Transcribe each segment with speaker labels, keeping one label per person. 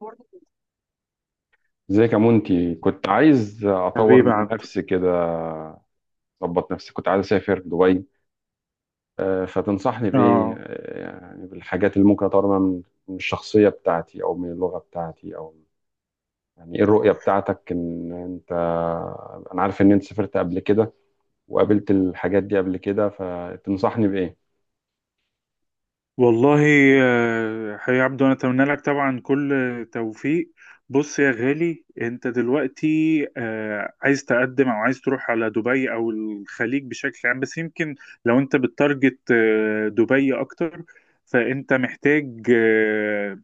Speaker 1: برضه.
Speaker 2: ازيك يا مونتي؟ كنت عايز اطور
Speaker 1: حبيبي
Speaker 2: من
Speaker 1: عبده.
Speaker 2: نفسي كده. اظبط نفسي، كنت عايز اسافر دبي. فتنصحني بايه؟
Speaker 1: اه
Speaker 2: يعني بالحاجات اللي ممكن اطور منها من الشخصيه بتاعتي او من اللغه بتاعتي او... يعني ايه الرؤيه بتاعتك؟ ان انت انا عارف ان انت سافرت قبل كده وقابلت الحاجات دي قبل كده، فتنصحني بايه؟
Speaker 1: والله. حبيبي عبده، انا اتمنى لك طبعا كل توفيق. بص يا غالي، انت دلوقتي عايز تقدم او عايز تروح على دبي او الخليج بشكل عام، بس يمكن لو انت بتارجت دبي اكتر، فانت محتاج آه،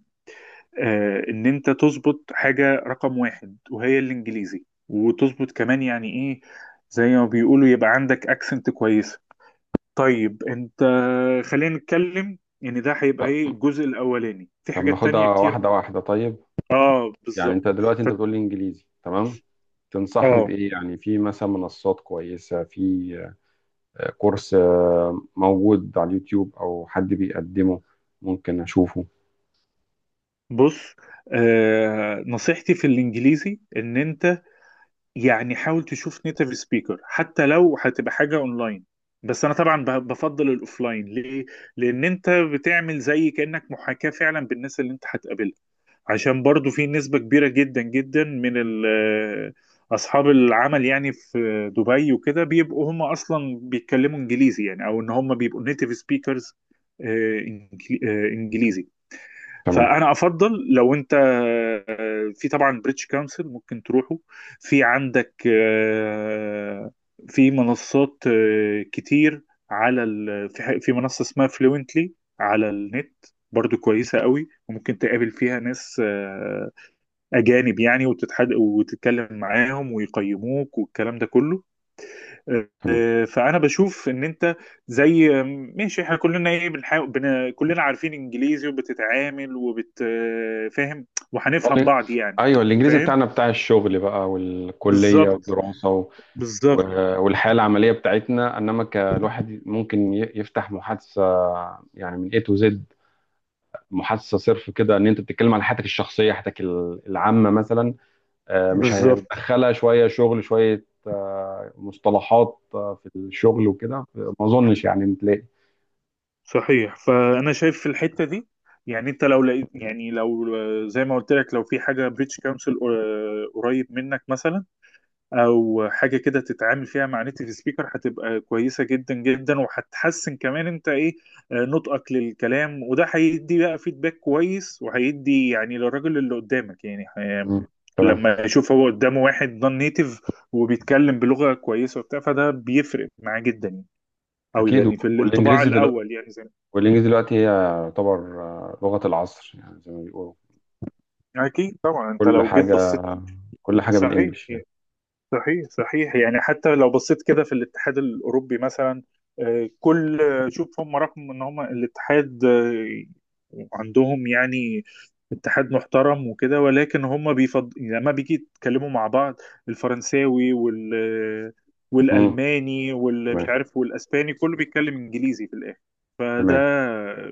Speaker 1: آه، ان انت تظبط حاجة رقم واحد وهي الانجليزي، وتظبط كمان يعني ايه زي ما بيقولوا يبقى عندك اكسنت كويسة. طيب انت خلينا نتكلم، يعني ده هيبقى ايه الجزء الاولاني، في
Speaker 2: طب
Speaker 1: حاجات
Speaker 2: ناخدها
Speaker 1: تانية كتير.
Speaker 2: واحده واحده، طيب.
Speaker 1: اه
Speaker 2: يعني
Speaker 1: بالظبط.
Speaker 2: انت دلوقتي
Speaker 1: ف...
Speaker 2: انت بتقول لي انجليزي تمام، تنصحني
Speaker 1: اه
Speaker 2: بايه؟ يعني في مثلا منصات كويسه، في كورس موجود على اليوتيوب او حد بيقدمه، ممكن اشوفه.
Speaker 1: بص، نصيحتي في الانجليزي ان انت يعني حاول تشوف نيتيف سبيكر، حتى لو هتبقى حاجة اونلاين، بس انا طبعا بفضل الاوفلاين. ليه؟ لان انت بتعمل زي كأنك محاكاة فعلا بالناس اللي انت هتقابلها، عشان برضو في نسبة كبيرة جدا جدا أصحاب العمل، يعني في دبي وكده بيبقوا هم أصلا بيتكلموا إنجليزي، يعني أو إن هم بيبقوا نيتيف سبيكرز إنجليزي.
Speaker 2: تمام.
Speaker 1: فانا افضل لو انت في طبعا بريتش كونسل ممكن تروحه، في عندك في منصات كتير، على ال... في ح- في منصة اسمها فلوينتلي على النت، برضو كويسة قوي، وممكن تقابل فيها ناس أجانب، يعني وتتحد وتتكلم معاهم ويقيموك والكلام ده كله.
Speaker 2: تمام.
Speaker 1: فانا بشوف ان انت زي ماشي، احنا كلنا ايه بنحاول كلنا عارفين انجليزي وبتتعامل وبتفهم وهنفهم
Speaker 2: طب-
Speaker 1: بعض يعني.
Speaker 2: ايوه، الانجليزي
Speaker 1: فاهم.
Speaker 2: بتاعنا بتاع الشغل بقى والكليه
Speaker 1: بالظبط،
Speaker 2: والدراسه
Speaker 1: بالظبط،
Speaker 2: والحياه العمليه بتاعتنا، انما كالواحد ممكن يفتح محادثه، يعني من A to Z، محادثه صرف كده ان انت بتتكلم على حياتك الشخصيه، حياتك العامه مثلا. مش
Speaker 1: بالظبط.
Speaker 2: هندخلها شويه شغل شويه مصطلحات في الشغل وكده، ما اظنش يعني تلاقي.
Speaker 1: صحيح، فانا شايف في الحته دي، يعني انت لو لقيت، يعني لو زي ما قلت لك لو في حاجه بريتش كونسل قريب منك مثلا، او حاجه كده تتعامل فيها مع نيتيف سبيكر، هتبقى كويسه جدا جدا، وهتحسن كمان انت ايه نطقك للكلام، وده هيدي بقى فيدباك كويس، وهيدي يعني للراجل اللي قدامك يعني،
Speaker 2: مم. تمام.
Speaker 1: لما يشوف هو قدامه واحد نون نيتيف وبيتكلم بلغه كويسه وبتاع، فده بيفرق معاه جدا يعني. او
Speaker 2: اكيد.
Speaker 1: يعني في الانطباع
Speaker 2: والانجليزي دلوقتي،
Speaker 1: الاول يعني زي
Speaker 2: هي يعتبر لغة العصر، يعني زي ما بيقولوا.
Speaker 1: ما اكيد طبعا انت
Speaker 2: كل
Speaker 1: لو جيت
Speaker 2: حاجة،
Speaker 1: بصيت.
Speaker 2: كل حاجة
Speaker 1: صحيح
Speaker 2: بالانجلش يعني.
Speaker 1: يعني. صحيح، صحيح، يعني حتى لو بصيت كده في الاتحاد الأوروبي مثلا كل شوف هم رغم ان هم الاتحاد عندهم يعني اتحاد محترم وكده، ولكن هم بيفض لما بيجي يتكلموا مع بعض الفرنساوي
Speaker 2: امم.
Speaker 1: والألماني واللي مش
Speaker 2: تمام.
Speaker 1: عارف والأسباني كله بيتكلم إنجليزي في الآخر، فده
Speaker 2: تمام.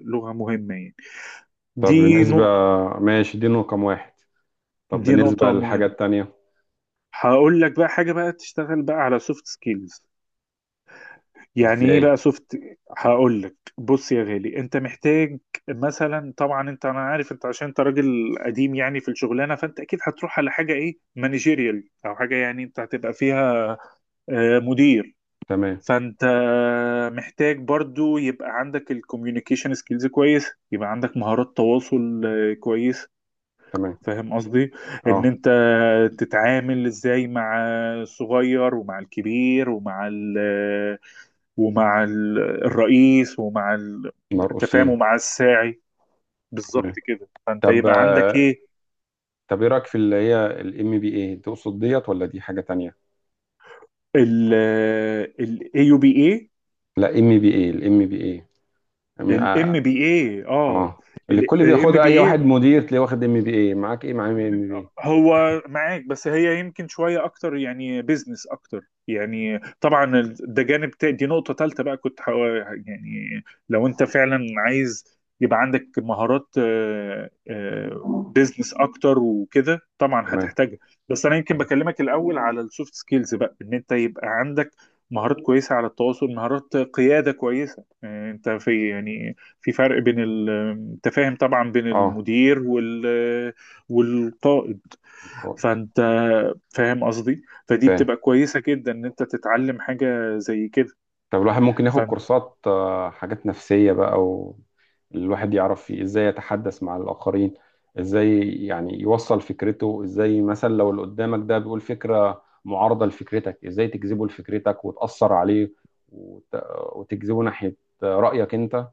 Speaker 1: لغة مهمة يعني.
Speaker 2: طب
Speaker 1: دي
Speaker 2: بالنسبة
Speaker 1: نقطة.
Speaker 2: ماشي، دي رقم واحد. طب
Speaker 1: دي نقطة
Speaker 2: بالنسبة للحاجات
Speaker 1: مهمة.
Speaker 2: التانية.
Speaker 1: هقول لك بقى حاجة، بقى تشتغل بقى على سوفت سكيلز. يعني
Speaker 2: ازاي؟
Speaker 1: ايه بقى سوفت؟ هقول لك، بص يا غالي انت محتاج، مثلا طبعا انت، انا عارف انت عشان انت راجل قديم يعني في الشغلانه، فانت اكيد هتروح على حاجه ايه مانجيريال، او حاجه يعني انت هتبقى فيها مدير.
Speaker 2: تمام.
Speaker 1: فانت محتاج برضو يبقى عندك الكوميونيكيشن سكيلز كويس، يبقى عندك مهارات تواصل كويس.
Speaker 2: تمام.
Speaker 1: فاهم قصدي؟ ان
Speaker 2: اه.
Speaker 1: انت تتعامل ازاي مع الصغير، ومع الكبير، ومع ال ومع ال- الرئيس، التفاهم،
Speaker 2: مرقوصين.
Speaker 1: ومع الساعي، بالظبط
Speaker 2: تمام.
Speaker 1: كده، فانت
Speaker 2: طب
Speaker 1: يبقى عندك
Speaker 2: آه،
Speaker 1: ايه
Speaker 2: طب ايه رأيك في اللي هي الـMBA؟ تقصد ديت ولا دي حاجة تانية؟
Speaker 1: ال ال AUBA،
Speaker 2: لا، MBA، الـMBA،
Speaker 1: ال
Speaker 2: اه.
Speaker 1: MBA، اه،
Speaker 2: آه. اللي
Speaker 1: ال
Speaker 2: الكل
Speaker 1: ال
Speaker 2: بياخدها، اي واحد
Speaker 1: MBA
Speaker 2: مدير تلاقيه واخد MBA. معاك ايه؟ معاه ام بي
Speaker 1: هو معاك، بس هي يمكن شوية أكتر يعني بيزنس أكتر. يعني طبعا ده دي نقطة تالتة بقى كنت يعني لو أنت فعلا عايز يبقى عندك مهارات بيزنس أكتر وكده طبعا
Speaker 2: اي
Speaker 1: هتحتاجها. بس أنا يمكن بكلمك الأول على السوفت سكيلز بقى، إن أنت يبقى عندك مهارات كويسة على التواصل، مهارات قيادة كويسة، أنت في يعني في فرق بين التفاهم طبعا، بين
Speaker 2: اه.
Speaker 1: المدير والقائد.
Speaker 2: كويس.
Speaker 1: فانت فاهم قصدي، فدي
Speaker 2: فاهم.
Speaker 1: بتبقى كويسة جدا ان انت تتعلم حاجة زي كده.
Speaker 2: طب الواحد ممكن ياخد كورسات، حاجات نفسية بقى، الواحد يعرف فيه ازاي يتحدث مع الآخرين، ازاي يعني يوصل فكرته، ازاي مثلا لو اللي قدامك ده بيقول فكرة معارضة لفكرتك، ازاي تجذبه لفكرتك وتأثر عليه وت... وتجذبه ناحية رأيك انت.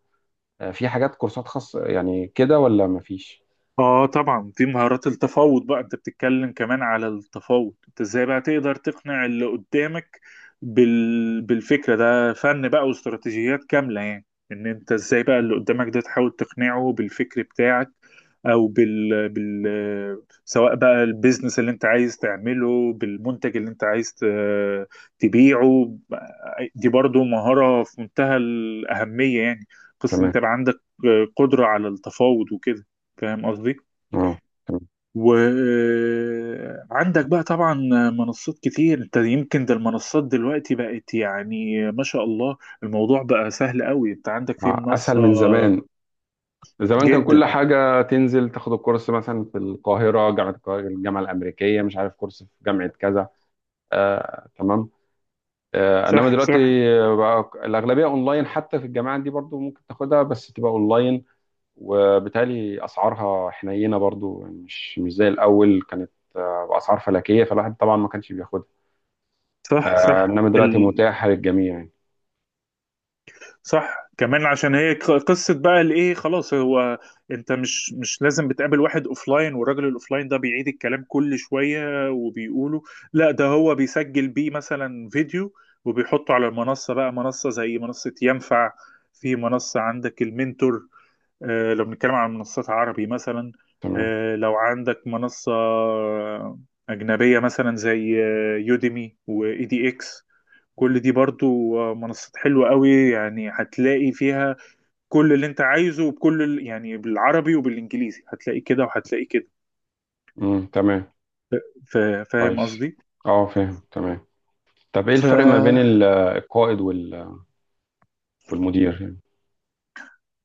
Speaker 2: في حاجات كورسات خاصة يعني كده ولا مفيش؟
Speaker 1: اه طبعا، دي مهارات التفاوض بقى، انت بتتكلم كمان على التفاوض، انت ازاي بقى تقدر تقنع اللي قدامك بالفكرة. ده فن بقى واستراتيجيات كاملة يعني، ان انت ازاي بقى اللي قدامك ده تحاول تقنعه بالفكر بتاعك، او سواء بقى البيزنس اللي انت عايز تعمله، بالمنتج اللي انت عايز تبيعه. دي برضو مهارة في منتهى الأهمية يعني، قصة انت
Speaker 2: تمام.
Speaker 1: بقى عندك قدرة على التفاوض وكده. فاهم قصدي؟
Speaker 2: اه. تمام.
Speaker 1: وعندك بقى طبعا منصات كتير انت، يمكن ده المنصات دلوقتي بقت يعني ما شاء الله، الموضوع بقى سهل قوي. انت عندك في
Speaker 2: اسهل
Speaker 1: منصة
Speaker 2: من زمان. زمان كان كل
Speaker 1: جدا.
Speaker 2: حاجة تنزل تاخد الكورس مثلا في القاهرة، جامعة القاهرة، الجامعة الأمريكية، مش عارف كورس في جامعة كذا. تمام. إنما
Speaker 1: صح،
Speaker 2: دلوقتي
Speaker 1: صح،
Speaker 2: بقى الأغلبية أونلاين، حتى في الجامعات دي برضو ممكن تاخدها بس تبقى أونلاين، وبالتالي أسعارها حنينة برضو، يعني مش زي الأول، كانت بأسعار فلكية فالواحد طبعا ما كانش بياخدها.
Speaker 1: صح، صح.
Speaker 2: إنما دلوقتي متاحة للجميع يعني.
Speaker 1: صح كمان، عشان هي قصة بقى الايه خلاص، هو انت مش لازم بتقابل واحد اوفلاين والراجل الاوفلاين ده بيعيد الكلام كل شوية وبيقوله، لا ده هو بيسجل بيه مثلا فيديو وبيحطه على المنصة بقى، منصة زي منصة ينفع، في منصة عندك المنتور، آه لو بنتكلم عن منصات عربي مثلا.
Speaker 2: تمام.
Speaker 1: آه لو عندك منصة أجنبية مثلا زي يوديمي وإي دي إكس، كل دي برضو منصات حلوة قوي، يعني هتلاقي فيها كل اللي انت عايزه، يعني بالعربي وبالانجليزي، هتلاقي كده وهتلاقي كده.
Speaker 2: مم. تمام.
Speaker 1: فاهم
Speaker 2: كويس.
Speaker 1: قصدي.
Speaker 2: أه، فاهم. تمام. طب إيه
Speaker 1: ف...
Speaker 2: الفرق ما بين القائد والمدير يعني؟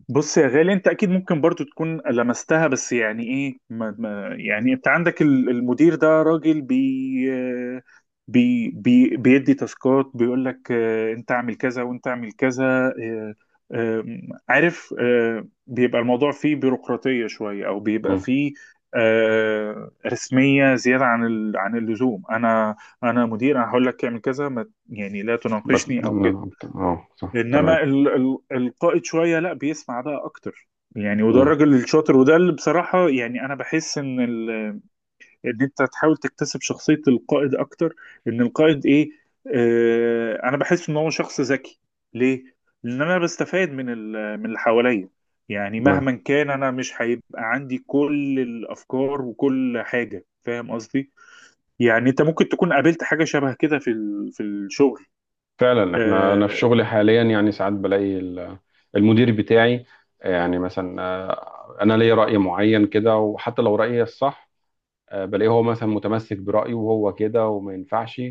Speaker 1: بص يا غالي، انت اكيد ممكن برضو تكون لمستها، بس يعني ايه ما يعني انت عندك المدير ده راجل بي بي بي بيدي تاسكات، بيقول لك انت اعمل كذا وانت اعمل كذا، اه، ام، عارف، بيبقى الموضوع فيه بيروقراطية شوية، او بيبقى
Speaker 2: مم.
Speaker 1: فيه اه، رسمية زيادة عن اللزوم. انا مدير، انا هقول لك اعمل كذا، ما يعني لا
Speaker 2: بس
Speaker 1: تناقشني او
Speaker 2: نعم،
Speaker 1: كده.
Speaker 2: اه، صح، تمام.
Speaker 1: انما ال القائد شويه لا، بيسمع بقى اكتر يعني، وده
Speaker 2: مم.
Speaker 1: الراجل الشاطر، وده اللي بصراحه يعني انا بحس ان ال، ان انت تحاول تكتسب شخصيه القائد اكتر. ان القائد ايه؟ آه انا بحس ان هو شخص ذكي. ليه؟ لان انا بستفاد من اللي حواليا، يعني
Speaker 2: تمام.
Speaker 1: مهما كان انا مش هيبقى عندي كل الافكار وكل حاجه. فاهم قصدي؟ يعني انت ممكن تكون قابلت حاجه شبه كده في الشغل.
Speaker 2: فعلا، انا في
Speaker 1: آه.
Speaker 2: شغلي حاليا يعني ساعات بلاقي المدير بتاعي يعني مثلا، انا ليا رأي معين كده، وحتى لو رأيي الصح بلاقيه هو مثلا متمسك برأيه وهو كده وما ينفعش،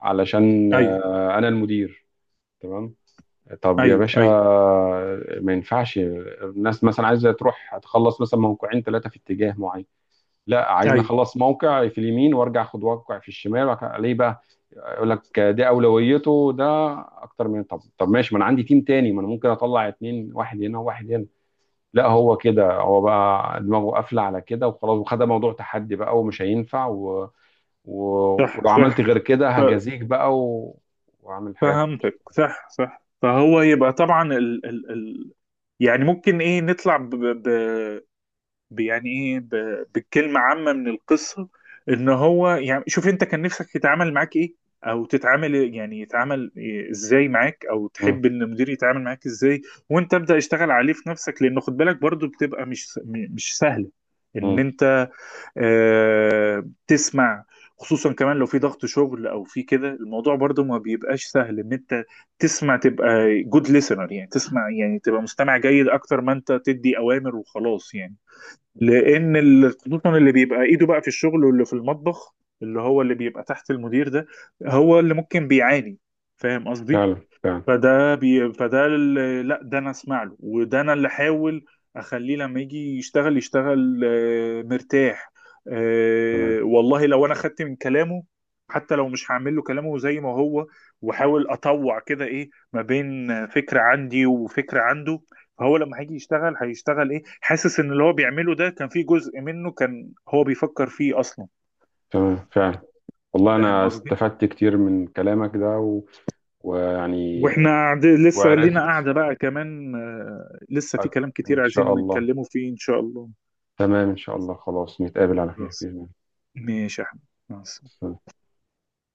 Speaker 2: علشان
Speaker 1: ايوه،
Speaker 2: انا المدير. تمام. طب يا
Speaker 1: ايوه،
Speaker 2: باشا،
Speaker 1: ايوه،
Speaker 2: ما ينفعش الناس مثلا عايزة تروح تخلص مثلا موقعين ثلاثة في اتجاه معين؟ لا، عايزني
Speaker 1: ايوه.
Speaker 2: اخلص موقع في اليمين وارجع اخد موقع في الشمال، ليه بقى؟ يقول لك ده اولويته، ده اكتر من... طب ماشي، ما انا عندي تيم تاني، ما انا ممكن اطلع اتنين، واحد هنا وواحد هنا. لا، هو كده، هو بقى دماغه قافله على كده وخلاص، وخد موضوع تحدي بقى ومش هينفع و...
Speaker 1: صح
Speaker 2: ولو عملت غير
Speaker 1: صح
Speaker 2: كده هجازيك بقى واعمل حاجات مش...
Speaker 1: فهمتك. صح، صح. فهو يبقى طبعا ال يعني ممكن ايه نطلع يعني ايه ب بكلمة عامة من القصة، ان هو يعني شوف انت كان نفسك يتعامل معاك ايه، او تتعامل يعني يتعامل إيه ازاي معاك، او
Speaker 2: مم.
Speaker 1: تحب ان المدير يتعامل معاك ازاي. وانت ابدأ اشتغل عليه في نفسك، لانه خد بالك برضو بتبقى مش مش سهلة ان
Speaker 2: مم.
Speaker 1: انت تسمع. خصوصا كمان لو في ضغط شغل، او في كده الموضوع برضو ما بيبقاش سهل ان انت تسمع، تبقى جود listener يعني، تسمع يعني تبقى مستمع جيد اكتر ما انت تدي اوامر وخلاص يعني. لان خصوصا اللي بيبقى ايده بقى في الشغل واللي في المطبخ، اللي هو اللي بيبقى تحت المدير ده، هو اللي ممكن بيعاني. فاهم قصدي؟
Speaker 2: فعلا، فعلا.
Speaker 1: فده فده لا، ده انا اسمع له، وده انا اللي احاول اخليه لما يجي يشتغل، يشتغل مرتاح.
Speaker 2: تمام،
Speaker 1: والله لو انا خدت من كلامه، حتى لو مش هعمل له كلامه زي ما هو، واحاول اطوع كده ايه ما بين فكرة عندي وفكرة عنده، فهو لما هيجي يشتغل هيشتغل ايه حاسس ان اللي هو بيعمله ده كان فيه جزء منه كان هو بيفكر فيه اصلا.
Speaker 2: تمام. فعلا، والله
Speaker 1: فاهم
Speaker 2: انا
Speaker 1: قصدي؟
Speaker 2: استفدت كتير من كلامك ده ويعني...
Speaker 1: واحنا قاعد لسه لينا
Speaker 2: وعرفت.
Speaker 1: قاعدة بقى كمان، لسه في
Speaker 2: أكيد
Speaker 1: كلام كتير
Speaker 2: إن شاء
Speaker 1: عايزين
Speaker 2: الله.
Speaker 1: نتكلموا فيه ان شاء الله.
Speaker 2: تمام، إن شاء الله. خلاص، نتقابل على خير
Speaker 1: خلاص.
Speaker 2: بإذن
Speaker 1: ماشي يا احمد. خلاص.
Speaker 2: الله.